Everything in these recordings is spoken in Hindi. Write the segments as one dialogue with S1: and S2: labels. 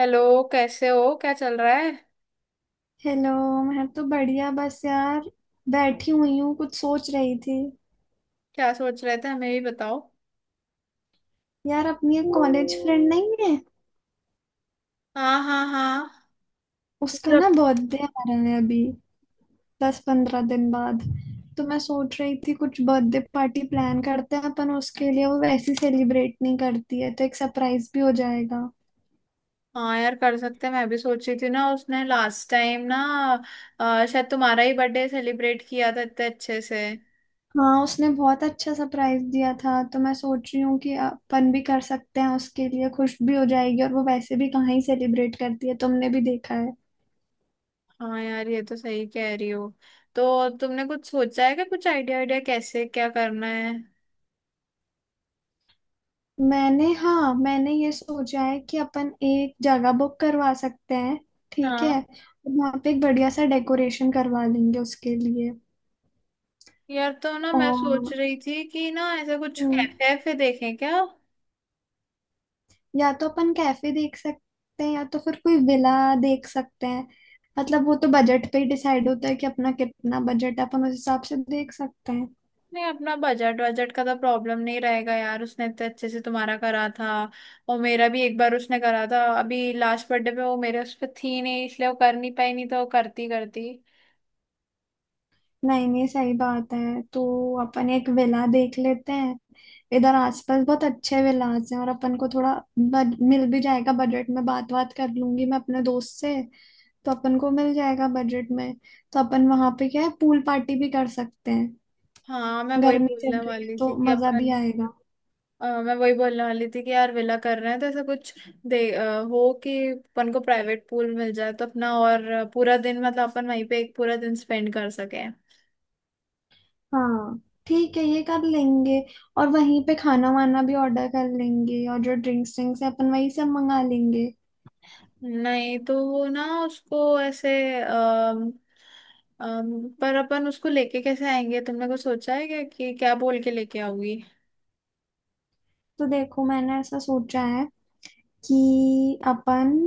S1: हेलो। कैसे हो? क्या चल रहा है?
S2: हेलो। मैं तो बढ़िया बस यार बैठी हुई हूँ कुछ सोच रही थी।
S1: क्या सोच रहे थे, हमें भी बताओ।
S2: यार अपनी एक कॉलेज फ्रेंड नहीं है,
S1: हाँ हाँ हाँ।
S2: उसका ना बर्थडे आ रहा है अभी 10-15 दिन बाद। तो मैं सोच रही थी कुछ बर्थडे पार्टी प्लान करते हैं अपन उसके लिए। वो वैसे सेलिब्रेट नहीं करती है तो एक सरप्राइज भी हो जाएगा।
S1: हाँ यार, कर सकते हैं। मैं भी सोच रही थी ना, उसने लास्ट टाइम ना, शायद तुम्हारा ही बर्थडे सेलिब्रेट किया था इतने अच्छे से।
S2: हाँ, उसने बहुत अच्छा सरप्राइज दिया था, तो मैं सोच रही हूँ कि अपन भी कर सकते हैं उसके लिए। खुश भी हो जाएगी और वो वैसे भी कहाँ ही सेलिब्रेट करती है, तुमने भी देखा।
S1: हाँ यार, ये तो सही कह रही हो। तो तुमने कुछ सोचा है क्या? कुछ आइडिया आइडिया कैसे क्या करना है?
S2: मैंने ये सोचा है कि अपन एक जगह बुक करवा सकते हैं। ठीक है।
S1: हाँ
S2: वहां पे एक बढ़िया सा डेकोरेशन करवा देंगे उसके लिए।
S1: यार, तो ना मैं सोच
S2: और
S1: रही थी कि ना ऐसा कुछ
S2: हम्म,
S1: कैफे वैफे देखें क्या।
S2: या तो अपन कैफे देख सकते हैं या तो फिर कोई विला देख सकते हैं। मतलब वो तो बजट पे ही डिसाइड होता है कि अपना कितना बजट है, अपन उस हिसाब से देख सकते हैं।
S1: नहीं, अपना बजट बजट का तो प्रॉब्लम नहीं रहेगा यार, उसने इतने अच्छे से तुम्हारा करा था। और मेरा भी एक बार उसने करा था, अभी लास्ट बर्थडे पे वो मेरे उस पर थी नहीं इसलिए वो कर नहीं पाई, नहीं तो वो करती करती।
S2: नहीं नहीं सही बात है, तो अपन एक विला देख लेते हैं। इधर आसपास बहुत अच्छे विलाज हैं और अपन को थोड़ा मिल भी जाएगा बजट में। बात बात कर लूंगी मैं अपने दोस्त से, तो अपन को मिल जाएगा बजट में। तो अपन वहां पे क्या है, पूल पार्टी भी कर सकते हैं।
S1: हाँ, मैं वही
S2: गर्मी चल
S1: बोलने
S2: रही है
S1: वाली
S2: तो
S1: थी कि
S2: मजा भी
S1: अपन
S2: आएगा।
S1: मैं वही बोलने वाली थी कि यार विला कर रहे हैं तो ऐसा कुछ दे हो कि अपन को प्राइवेट पूल मिल जाए तो अपना, और पूरा दिन मतलब अपन वहीं पे एक पूरा दिन स्पेंड कर सके।
S2: हाँ ठीक है, ये कर लेंगे। और वहीं पे खाना वाना भी ऑर्डर कर लेंगे, और जो ड्रिंक्स ड्रिंक्स है अपन वहीं से मंगा लेंगे।
S1: नहीं तो वो ना उसको ऐसे अम, पर अपन उसको लेके कैसे आएंगे? तुमने कुछ सोचा है क्या कि क्या बोल के लेके आओगी?
S2: तो देखो मैंने ऐसा सोचा है कि अपन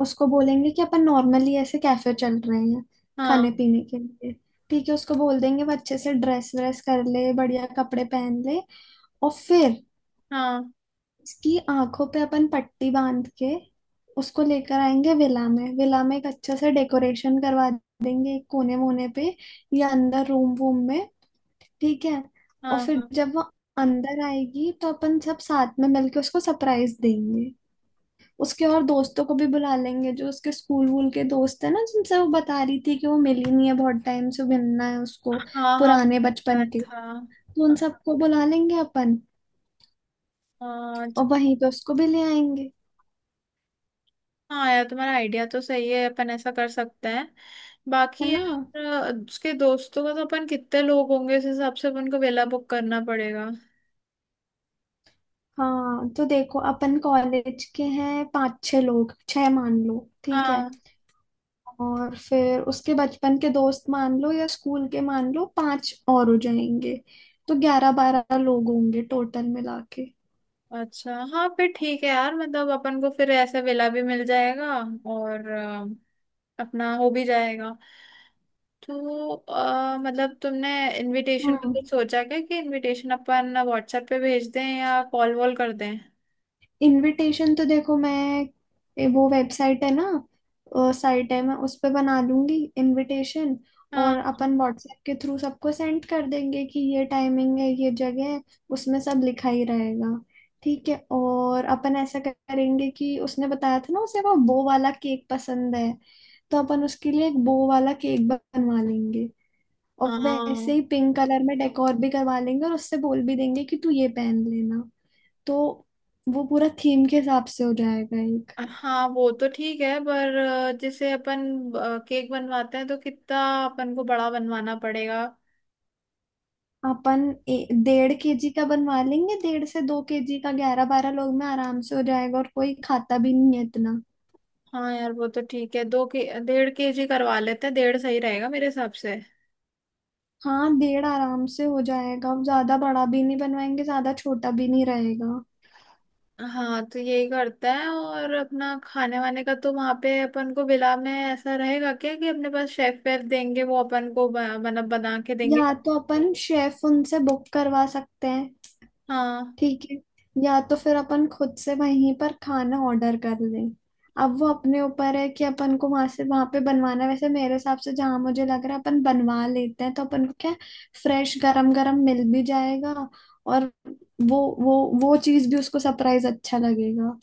S2: उसको बोलेंगे कि अपन नॉर्मली ऐसे कैफे चल रहे हैं खाने
S1: हाँ
S2: पीने के लिए। ठीक है, उसको बोल देंगे वो अच्छे से ड्रेस व्रेस कर ले, बढ़िया कपड़े पहन ले। और फिर
S1: हाँ।
S2: उसकी आंखों पे अपन पट्टी बांध के उसको लेकर आएंगे विला में। विला में एक अच्छे से डेकोरेशन करवा देंगे एक कोने वोने पे या अंदर रूम वूम में। ठीक है, और
S1: हाँ
S2: फिर
S1: हाँ।
S2: जब वो अंदर आएगी तो अपन सब साथ में मिलके उसको सरप्राइज देंगे। उसके और दोस्तों को भी बुला लेंगे, जो उसके स्कूल वूल के दोस्त है ना, जिनसे वो बता रही थी कि वो मिली नहीं है बहुत टाइम से, मिलना है उसको,
S1: हाँ हाँ।
S2: पुराने
S1: पता
S2: बचपन के।
S1: था।
S2: तो उन सबको बुला लेंगे अपन
S1: हाँ च-
S2: और वहीं पे उसको भी ले आएंगे।
S1: हाँ यार, तुम्हारा आइडिया तो सही है, अपन ऐसा कर सकते हैं।
S2: है
S1: बाकी
S2: ना।
S1: यार, उसके दोस्तों का तो अपन कितने लोग होंगे उस हिसाब से अपन को वेला बुक करना पड़ेगा।
S2: हाँ, तो देखो अपन कॉलेज के हैं पांच छह लोग, छह मान लो। ठीक है,
S1: हाँ।
S2: और फिर उसके बचपन के दोस्त मान लो या स्कूल के मान लो पांच और हो जाएंगे। तो 11-12 लोग होंगे टोटल मिला के।
S1: अच्छा, हाँ फिर ठीक है यार, मतलब अपन को फिर ऐसे वेला भी मिल जाएगा और अपना हो भी जाएगा। तो मतलब तुमने इनविटेशन का
S2: हम्म।
S1: कुछ सोचा क्या कि इनविटेशन अपन व्हाट्सएप पे भेज दें या कॉल वॉल कर दें?
S2: इनविटेशन तो देखो मैं वो वेबसाइट है ना, साइट है, मैं उस पे बना लूंगी इनविटेशन। और
S1: हाँ।
S2: अपन व्हाट्सएप के थ्रू सबको सेंड कर देंगे कि ये टाइमिंग है, ये जगह है। उसमें सब लिखा ही रहेगा। ठीक है, और अपन ऐसा करेंगे कि उसने बताया था ना उसे वो बो वाला केक पसंद है, तो अपन उसके लिए एक बो वाला केक बनवा लेंगे। और वैसे
S1: हाँ।
S2: ही पिंक कलर में डेकोर भी करवा लेंगे, और उससे बोल भी देंगे कि तू ये पहन लेना। तो वो पूरा थीम के हिसाब से हो जाएगा एक।
S1: हाँ वो तो ठीक है, पर जैसे अपन केक बनवाते हैं तो कितना अपन को बड़ा बनवाना पड़ेगा?
S2: अपन डेढ़ केजी का बनवा लेंगे, डेढ़ से दो केजी का। 11-12 लोग में आराम से हो जाएगा, और कोई खाता भी नहीं है इतना।
S1: हाँ यार, वो तो ठीक है, दो के डेढ़ केजी करवा लेते हैं, डेढ़ सही रहेगा मेरे हिसाब से।
S2: हाँ डेढ़ आराम से हो जाएगा, ज्यादा बड़ा भी नहीं बनवाएंगे, ज्यादा छोटा भी नहीं रहेगा।
S1: हाँ तो यही करता है। और अपना खाने वाने का तो वहां पे अपन को विला में ऐसा रहेगा क्या कि अपने पास शेफ वेफ देंगे वो अपन को मतलब बना के देंगे।
S2: या तो अपन शेफ उनसे बुक करवा सकते हैं।
S1: हाँ
S2: ठीक है, या तो फिर अपन खुद से वहीं पर खाना ऑर्डर कर लें। अब वो अपने ऊपर है कि अपन को वहां से वहां पे बनवाना है। वैसे मेरे हिसाब से जहां मुझे लग रहा है अपन बनवा लेते हैं, तो अपन को क्या, फ्रेश गरम गरम मिल भी जाएगा। और वो चीज भी उसको सरप्राइज अच्छा लगेगा।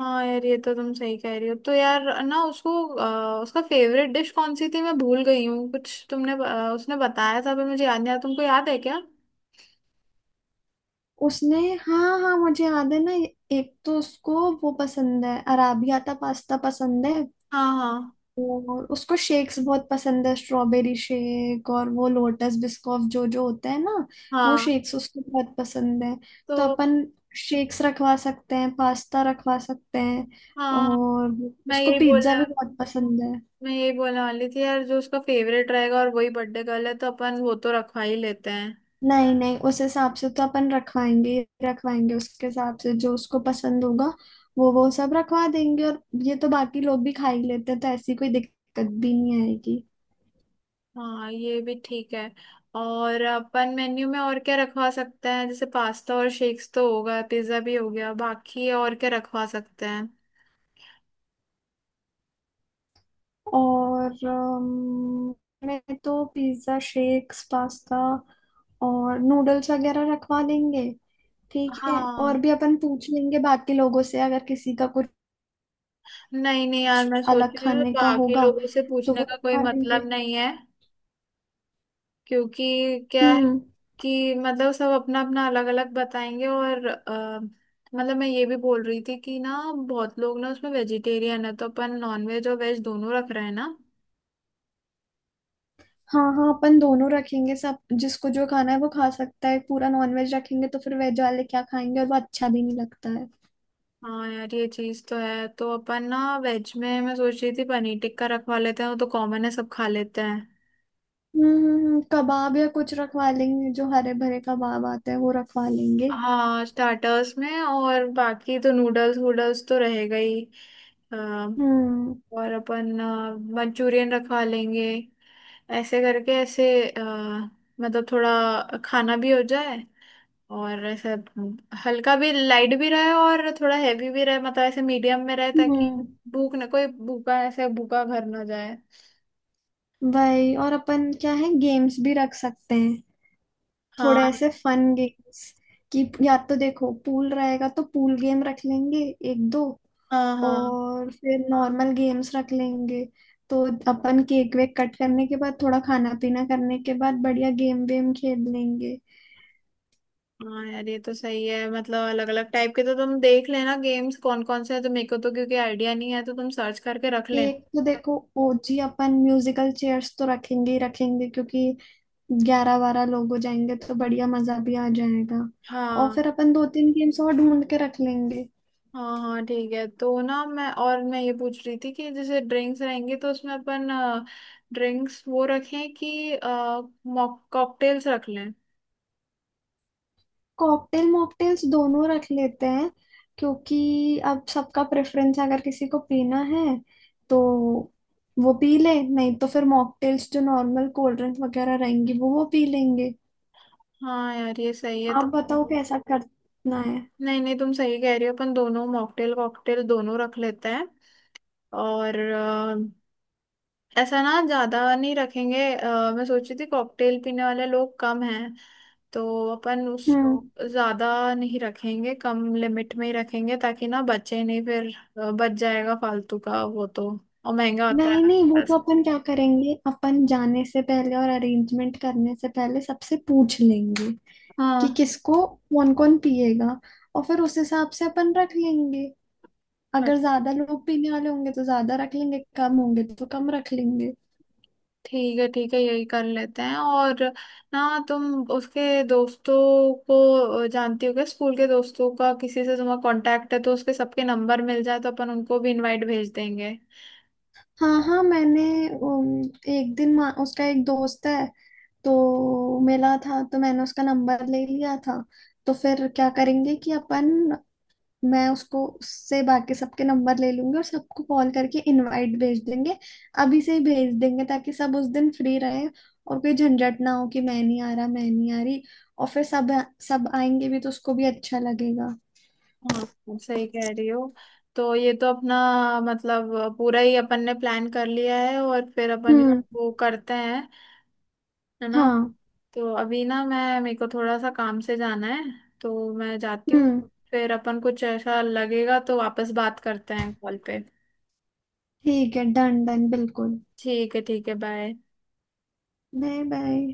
S1: हाँ। यार ये तो तुम सही कह रही हो। तो यार ना, उसको उसका फेवरेट डिश कौन सी थी मैं भूल गई हूँ कुछ, तुमने उसने बताया था पर मुझे याद नहीं आया, तुमको याद है क्या?
S2: उसने हाँ हाँ, मुझे याद है ना। एक तो उसको वो पसंद है, अराबियाता पास्ता पसंद है।
S1: हाँ हाँ।
S2: और उसको शेक्स बहुत पसंद है, स्ट्रॉबेरी शेक और वो लोटस बिस्कॉफ जो जो होता है ना, वो
S1: हाँ।
S2: शेक्स उसको बहुत पसंद है।
S1: तो
S2: तो अपन शेक्स रखवा सकते हैं, पास्ता रखवा सकते हैं।
S1: हाँ,
S2: और
S1: मैं
S2: उसको
S1: यही
S2: पिज्जा
S1: बोलने
S2: भी बहुत पसंद है।
S1: मैं यही बोलने वाली थी यार, जो उसका फेवरेट रहेगा और वही बर्थडे गर्ल है तो अपन वो तो रखवा ही लेते हैं।
S2: नहीं नहीं उस हिसाब से तो अपन रखवाएंगे ही रखवाएंगे, उसके हिसाब से जो उसको पसंद होगा वो सब रखवा देंगे। और ये तो बाकी लोग भी खा ही लेते हैं, तो ऐसी कोई दिक्कत भी नहीं आएगी।
S1: हाँ ये भी ठीक है। और अपन मेन्यू में और क्या रखवा सकते हैं? जैसे पास्ता और शेक्स तो होगा, पिज्जा भी हो गया, बाकी और क्या रखवा सकते हैं?
S2: और मैं तो पिज्ज़ा, शेक्स, पास्ता और नूडल्स वगैरह रखवा लेंगे। ठीक है,
S1: हाँ।
S2: और भी अपन पूछ लेंगे बाकी लोगों से अगर किसी का
S1: नहीं नहीं यार,
S2: कुछ
S1: मैं सोच
S2: अलग
S1: रही हूँ
S2: खाने का
S1: बाकी
S2: होगा
S1: लोगों से
S2: तो वो
S1: पूछने का कोई
S2: खा लेंगे।
S1: मतलब नहीं है, क्योंकि क्या है
S2: हम्म।
S1: कि मतलब सब अपना अपना अलग अलग बताएंगे। और मतलब मैं ये भी बोल रही थी कि ना बहुत लोग ना उसमें वेजिटेरियन है, तो अपन नॉन वेज और वेज दोनों रख रहे हैं ना।
S2: हाँ हाँ, अपन दोनों रखेंगे, सब जिसको जो खाना है वो खा सकता है। पूरा नॉन वेज रखेंगे तो फिर वेज वाले क्या खाएंगे, और वो अच्छा भी नहीं लगता है।
S1: हाँ यार ये चीज तो है। तो अपन ना वेज में, मैं सोच रही थी पनीर टिक्का रखवा लेते हैं, वो तो कॉमन है सब खा लेते हैं।
S2: हम्म, कबाब या कुछ रखवा लेंगे, जो हरे भरे कबाब आते हैं वो रखवा लेंगे।
S1: हाँ स्टार्टर्स में। और बाकी तो नूडल्स वूडल्स तो रहेगा ही। अ,
S2: हम्म।
S1: और अपन मंचूरियन रखवा लेंगे, ऐसे करके। ऐसे मतलब थोड़ा खाना भी हो जाए, और ऐसे हल्का भी लाइट भी रहे और थोड़ा हैवी भी रहे, मतलब ऐसे मीडियम में रहे, ताकि
S2: हम्म।
S1: भूख ना कोई भूखा ऐसे भूखा घर ना जाए।
S2: भाई, और अपन क्या है, गेम्स भी रख सकते हैं, थोड़े
S1: हाँ।
S2: ऐसे फन गेम्स। कि या तो देखो पूल रहेगा तो पूल गेम रख लेंगे, एक दो।
S1: हाँ हाँ।
S2: और फिर नॉर्मल गेम्स रख लेंगे। तो अपन केक वेक कट करने के बाद, थोड़ा खाना पीना करने के बाद, बढ़िया गेम वेम खेल लेंगे।
S1: हाँ यार ये तो सही है, मतलब अलग अलग टाइप के, तो तुम देख लेना गेम्स कौन कौन से हैं, तो मेरे को तो क्योंकि आइडिया नहीं है, तो तुम सर्च करके रख लेना।
S2: एक तो देखो ओजी अपन म्यूजिकल चेयर्स तो रखेंगे ही रखेंगे, क्योंकि 11-12 लोग हो जाएंगे तो बढ़िया मजा भी आ जाएगा। और
S1: हाँ।
S2: फिर अपन दो तीन गेम्स और ढूंढ के रख लेंगे।
S1: हाँ हाँ ठीक है। तो ना मैं, और मैं ये पूछ रही थी कि जैसे ड्रिंक्स रहेंगे, तो उसमें अपन ड्रिंक्स वो रखें कि कॉकटेल्स रख लें?
S2: कॉकटेल मॉकटेल्स दोनों रख लेते हैं, क्योंकि अब सबका प्रेफरेंस, अगर किसी को पीना है तो वो पी ले, नहीं तो फिर मॉकटेल्स जो नॉर्मल कोल्ड ड्रिंक्स वगैरह रहेंगी वो पी लेंगे।
S1: हाँ यार ये सही है।
S2: आप
S1: तो
S2: बताओ कैसा करना है।
S1: नहीं नहीं, तुम सही कह रही हो, अपन दोनों मॉकटेल कॉकटेल दोनों रख लेते हैं। और ऐसा ना ज्यादा नहीं रखेंगे, मैं सोच रही थी कॉकटेल पीने वाले लोग कम हैं, तो अपन उस
S2: हम्म।
S1: ज्यादा नहीं रखेंगे, कम लिमिट में ही रखेंगे, ताकि ना बचे नहीं फिर। बच जाएगा फालतू का, वो तो और महंगा होता
S2: नहीं
S1: है
S2: नहीं, वो तो
S1: वैसे।
S2: अपन क्या करेंगे, अपन जाने से पहले और अरेंजमेंट करने से पहले सबसे पूछ लेंगे कि
S1: हाँ।
S2: किसको, कौन कौन पिएगा। और फिर उस हिसाब से अपन रख लेंगे।
S1: हाँ,
S2: अगर ज्यादा लोग पीने वाले होंगे तो ज्यादा रख लेंगे, कम होंगे तो कम रख लेंगे।
S1: ठीक है ठीक है, यही कर लेते हैं। और ना तुम उसके दोस्तों को जानती हो क्या, स्कूल के दोस्तों का किसी से तुम्हारा कांटेक्ट है तो उसके सबके नंबर मिल जाए तो अपन उनको भी इनवाइट भेज देंगे।
S2: हाँ हाँ, मैंने उम, एक दिन उसका एक दोस्त है तो मिला था, तो मैंने उसका नंबर ले लिया था। तो फिर क्या करेंगे कि अपन, मैं उसको उससे बाकी सबके नंबर ले लूंगी और सबको कॉल करके इनवाइट भेज देंगे। अभी से ही भेज देंगे ताकि सब उस दिन फ्री रहे और कोई झंझट ना हो कि मैं नहीं आ रहा, मैं नहीं आ रही। और फिर सब सब आएंगे भी, तो उसको भी अच्छा लगेगा।
S1: हाँ आप सही कह रही हो, तो ये तो अपना मतलब पूरा ही अपन ने प्लान कर लिया है। और फिर अपन
S2: हम्म।
S1: इसको करते हैं, है ना?
S2: हाँ।
S1: तो अभी ना मैं, मेरे को थोड़ा सा काम से जाना है, तो मैं जाती हूँ।
S2: हम्म।
S1: फिर अपन कुछ ऐसा लगेगा तो वापस बात करते हैं कॉल पे।
S2: ठीक है, डन डन बिल्कुल।
S1: ठीक है, ठीक है, बाय।
S2: Bye bye.